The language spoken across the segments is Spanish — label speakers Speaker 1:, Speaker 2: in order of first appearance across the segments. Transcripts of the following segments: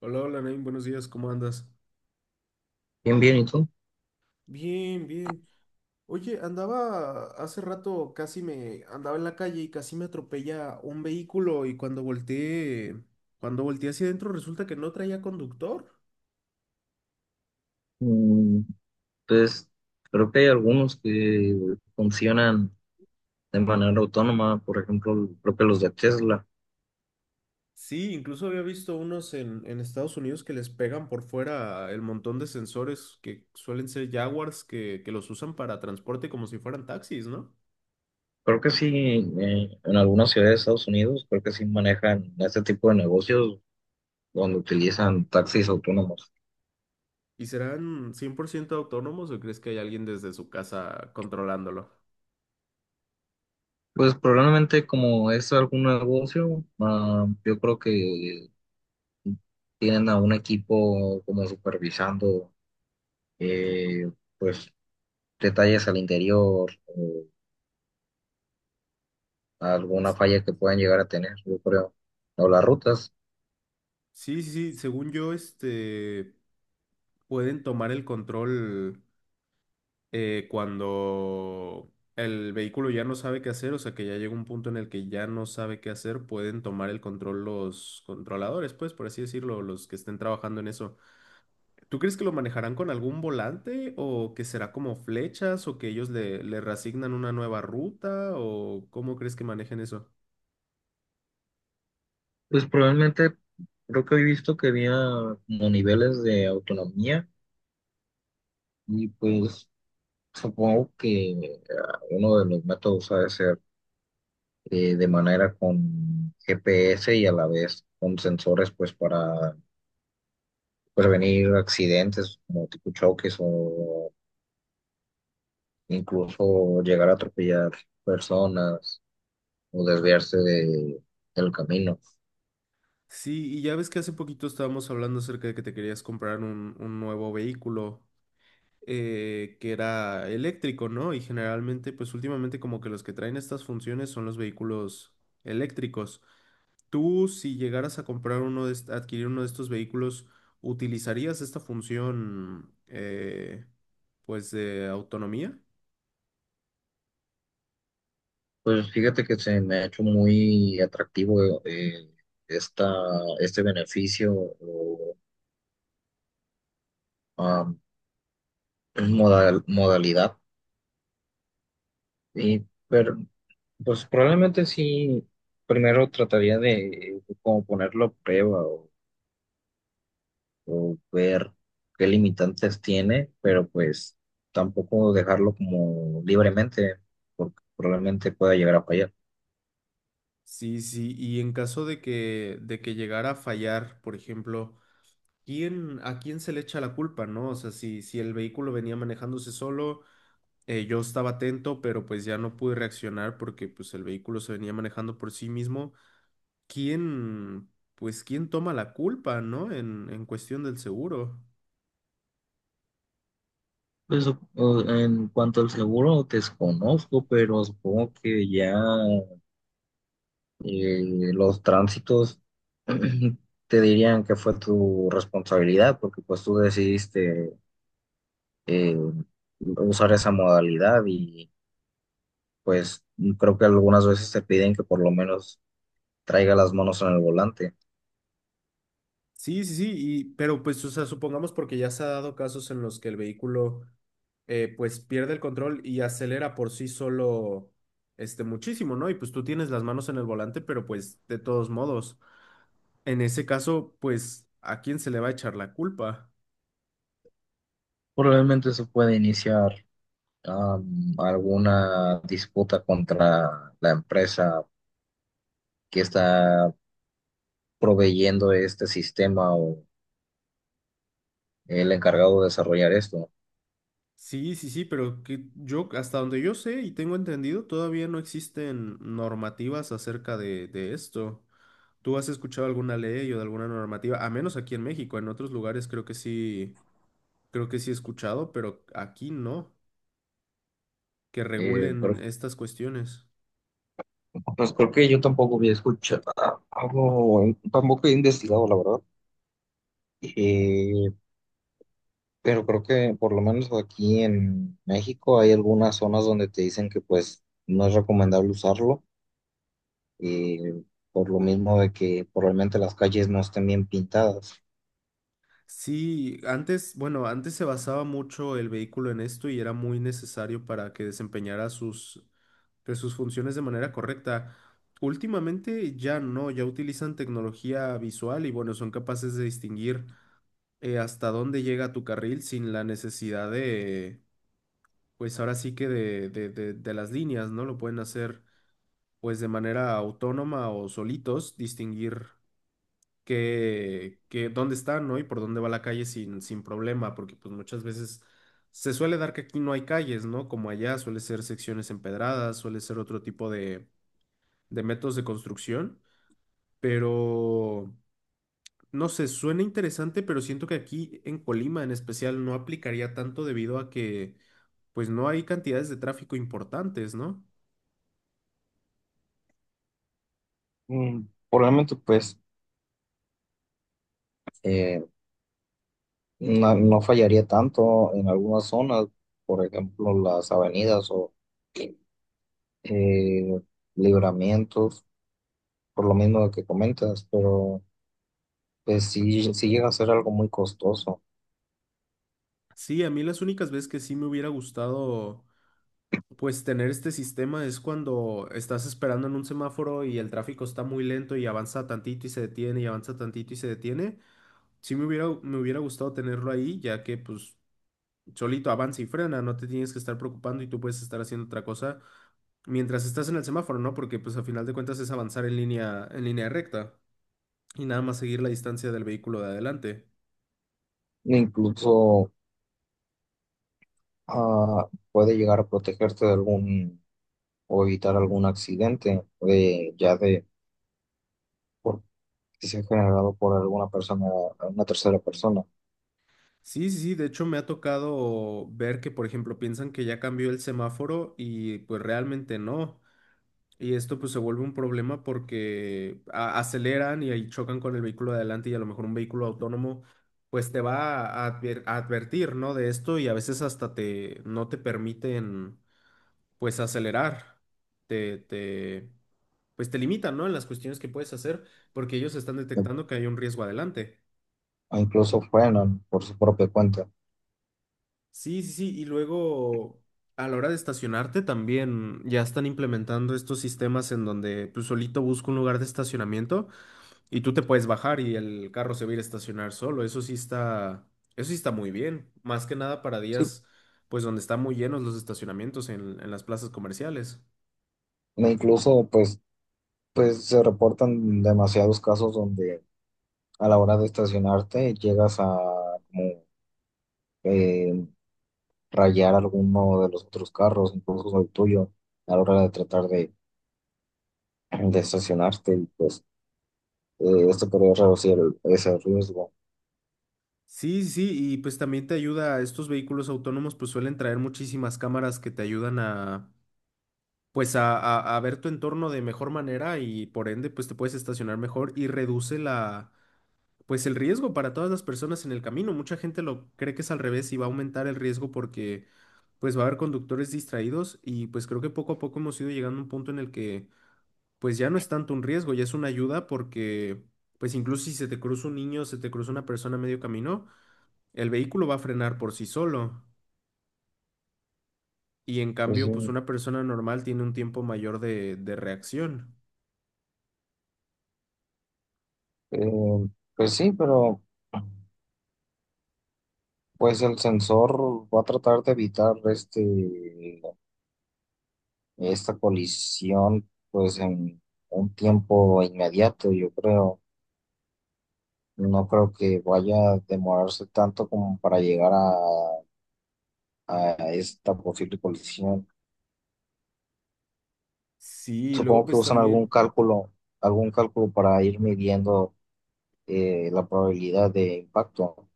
Speaker 1: Hola, hola, Naim, buenos días, ¿cómo andas?
Speaker 2: Bien, bien, ¿y tú?
Speaker 1: Bien, bien. Oye, andaba hace rato, casi me andaba en la calle y casi me atropella un vehículo y cuando volteé hacia adentro resulta que no traía conductor.
Speaker 2: Mm. Pues creo que hay algunos que funcionan de manera autónoma, por ejemplo, creo que los de Tesla.
Speaker 1: Sí, incluso había visto unos en Estados Unidos que les pegan por fuera el montón de sensores que suelen ser Jaguars que los usan para transporte como si fueran taxis, ¿no?
Speaker 2: Creo que sí, en algunas ciudades de Estados Unidos, creo que sí manejan este tipo de negocios donde utilizan taxis autónomos.
Speaker 1: ¿Y serán 100% autónomos o crees que hay alguien desde su casa controlándolo?
Speaker 2: Pues probablemente como es algún negocio, yo creo que tienen a un equipo como supervisando, eh, pues detalles al interior. Alguna falla que puedan llegar a tener, yo creo, o las rutas.
Speaker 1: Sí, sí, sí, según yo, este, pueden tomar el control cuando el vehículo ya no sabe qué hacer, o sea que ya llega un punto en el que ya no sabe qué hacer, pueden tomar el control los controladores, pues, por así decirlo, los que estén trabajando en eso. ¿Tú crees que lo manejarán con algún volante o que será como flechas o que ellos le reasignan una nueva ruta o cómo crees que manejen eso?
Speaker 2: Pues probablemente creo que he visto que había como niveles de autonomía y pues supongo que uno de los métodos ha de ser, de manera con GPS y a la vez con sensores pues para prevenir accidentes como tipo choques o incluso llegar a atropellar personas o del camino.
Speaker 1: Sí, y ya ves que hace poquito estábamos hablando acerca de que te querías comprar un nuevo vehículo. Eh, que era eléctrico, ¿no? Y generalmente, pues últimamente como que los que traen estas funciones son los vehículos eléctricos. Tú, si llegaras a comprar adquirir uno de estos vehículos, ¿utilizarías esta función, pues, de autonomía?
Speaker 2: Pues fíjate que se me ha hecho muy atractivo, esta, este beneficio o am, modalidad. Y, pero, pues probablemente sí, primero trataría de como ponerlo a prueba o ver qué limitantes tiene, pero pues tampoco dejarlo como libremente, porque probablemente pueda llegar a fallar.
Speaker 1: Sí, sí, y en caso de que llegara a fallar, por ejemplo, ¿quién, a quién se le echa la culpa, no? O sea, si el vehículo venía manejándose solo. Yo estaba atento, pero pues ya no pude reaccionar porque pues el vehículo se venía manejando por sí mismo. ¿Quién, pues quién toma la culpa, ¿no? En cuestión del seguro.
Speaker 2: Pues o en cuanto al seguro, desconozco, pero supongo que ya. Y los tránsitos te dirían que fue tu responsabilidad porque pues tú decidiste, eh, usar esa modalidad y pues creo que algunas veces te piden que por lo menos traiga las manos en el volante.
Speaker 1: Sí, sí, sí, y, pero pues, o sea, supongamos porque ya se ha dado casos en los que el vehículo pues pierde el control y acelera por sí solo este muchísimo, ¿no? Y pues tú tienes las manos en el volante, pero pues de todos modos, en ese caso, pues, ¿a quién se le va a echar la culpa?
Speaker 2: Probablemente eso puede iniciar, alguna disputa contra la empresa que está proveyendo este sistema o el encargado de desarrollar esto.
Speaker 1: Sí, sí, sí, pero que yo, hasta donde yo sé y tengo entendido, todavía no existen normativas acerca de esto. ¿Tú has escuchado alguna ley o de alguna normativa? A menos aquí en México, en otros lugares creo que sí he escuchado, pero aquí no, que
Speaker 2: Pero
Speaker 1: regulen estas cuestiones.
Speaker 2: pues creo que yo tampoco había escuchado algo, tampoco he investigado, la verdad. Eh, pero creo que por lo menos aquí en México hay algunas zonas donde te dicen que pues no es recomendable usarlo, eh, por lo mismo de que probablemente las calles no estén bien pintadas.
Speaker 1: Sí, antes, bueno, antes se basaba mucho el vehículo en esto y era muy necesario para que desempeñara sus, pues, sus funciones de manera correcta. Últimamente ya no, ya utilizan tecnología visual y bueno, son capaces de distinguir hasta dónde llega tu carril sin la necesidad de, pues ahora sí que de las líneas, ¿no? Lo pueden hacer pues de manera autónoma o solitos, distinguir que dónde están, ¿no? Y por dónde va la calle sin problema, porque pues muchas veces se suele dar que aquí no hay calles, ¿no? Como allá, suele ser secciones empedradas, suele ser otro tipo de métodos de construcción, pero no sé, suena interesante, pero siento que aquí en Colima en especial no aplicaría tanto debido a que pues no hay cantidades de tráfico importantes, ¿no?
Speaker 2: Mm, probablemente pues, eh, no fallaría tanto en algunas zonas, por ejemplo las avenidas o, eh, libramientos, por lo mismo de que comentas, pero pues sí, sí llega a ser algo muy costoso.
Speaker 1: Sí, a mí las únicas veces que sí me hubiera gustado pues tener este sistema es cuando estás esperando en un semáforo y el tráfico está muy lento y avanza tantito y se detiene y avanza tantito y se detiene. Me hubiera gustado tenerlo ahí, ya que pues solito avanza y frena, no te tienes que estar preocupando y tú puedes estar haciendo otra cosa mientras estás en el semáforo, ¿no? Porque pues a final de cuentas es avanzar en línea recta y nada más seguir la distancia del vehículo de adelante.
Speaker 2: Incluso, puede llegar a protegerte de algún, o evitar algún accidente de, ya de por, que sea generado por alguna persona, una tercera persona.
Speaker 1: Sí, sí, sí, de hecho me ha tocado ver que, por ejemplo, piensan que ya cambió el semáforo y pues realmente no. Y esto pues se vuelve un problema porque aceleran y ahí chocan con el vehículo de adelante y a lo mejor un vehículo autónomo pues te va a, advertir, ¿no? De esto y a veces hasta te no te permiten pues acelerar. Te pues te limitan, ¿no? En las cuestiones que puedes hacer porque ellos están
Speaker 2: O,
Speaker 1: detectando que hay un riesgo adelante.
Speaker 2: o incluso frenan por su propia cuenta.
Speaker 1: Sí, sí, sí. Y luego a la hora de estacionarte también ya están implementando estos sistemas en donde pues solito busco un lugar de estacionamiento. Y tú te puedes bajar y el carro se va a ir a estacionar solo. Eso sí está muy bien. Más que nada para
Speaker 2: Sí.
Speaker 1: días, pues donde están muy llenos los estacionamientos en las plazas comerciales.
Speaker 2: E incluso pues, pues se reportan demasiados casos donde a la hora de estacionarte llegas a como, eh, rayar alguno de los otros carros, incluso el tuyo, a la hora de tratar de estacionarte y pues, esto podría reducir ese riesgo.
Speaker 1: Sí, sí, y pues también te ayuda, estos vehículos autónomos pues suelen traer muchísimas cámaras que te ayudan a, pues a ver tu entorno de mejor manera y por ende pues te puedes estacionar mejor y reduce la pues el riesgo para todas las personas en el camino. Mucha gente lo cree que es al revés y va a aumentar el riesgo porque pues va a haber conductores distraídos y pues creo que poco a poco hemos ido llegando a un punto en el que pues ya no es tanto un riesgo, ya es una ayuda porque pues incluso si se te cruza un niño, se te cruza una persona a medio camino, el vehículo va a frenar por sí solo y en
Speaker 2: Pues,
Speaker 1: cambio
Speaker 2: sí,
Speaker 1: pues una persona normal tiene un tiempo mayor de reacción.
Speaker 2: eh, pues sí, pero pues el sensor va a tratar de evitar este, esta colisión pues en un tiempo inmediato, yo creo. No creo que vaya a demorarse tanto como para llegar a esta posible colisión.
Speaker 1: Sí, y luego
Speaker 2: Supongo que
Speaker 1: pues
Speaker 2: usan
Speaker 1: también.
Speaker 2: algún cálculo para ir midiendo, la probabilidad de impacto.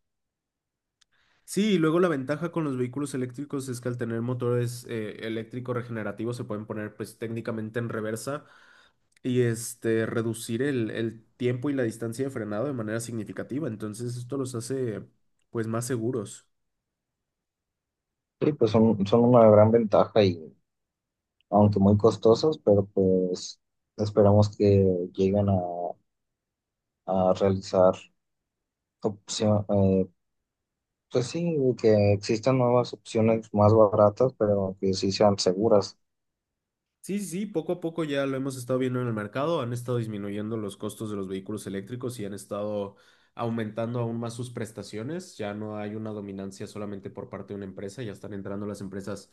Speaker 1: Sí, y luego la ventaja con los vehículos eléctricos es que al tener motores eléctricos regenerativos se pueden poner pues técnicamente en reversa y este reducir el tiempo y la distancia de frenado de manera significativa. Entonces esto los hace pues más seguros.
Speaker 2: Sí, pues son, son una gran ventaja y aunque muy costosos, pero pues esperamos que lleguen a realizar opción, pues sí, que existan nuevas opciones más baratas, pero que sí sean seguras.
Speaker 1: Sí, sí, sí, poco a poco ya lo hemos estado viendo en el mercado, han estado disminuyendo los costos de los vehículos eléctricos y han estado aumentando aún más sus prestaciones, ya no hay una dominancia solamente por parte de una empresa, ya están entrando las empresas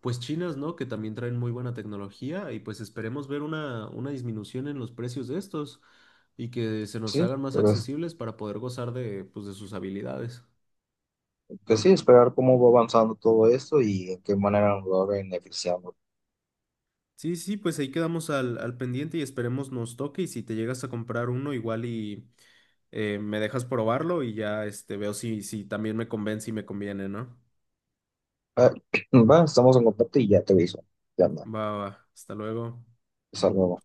Speaker 1: pues chinas, ¿no? Que también traen muy buena tecnología y pues esperemos ver una disminución en los precios de estos y que se nos
Speaker 2: Sí,
Speaker 1: hagan más
Speaker 2: pero es,
Speaker 1: accesibles para poder gozar de pues de sus habilidades.
Speaker 2: que sí, esperar cómo va avanzando todo esto y en qué manera nos va beneficiando.
Speaker 1: Sí, sí, pues ahí quedamos al pendiente y esperemos nos toque. Y si te llegas a comprar uno, igual y me dejas probarlo y ya este, veo si también me convence y me conviene, ¿no?
Speaker 2: Ah, va, estamos en contacto y ya te aviso. Ya anda.
Speaker 1: Va, va, hasta luego.
Speaker 2: Hasta luego.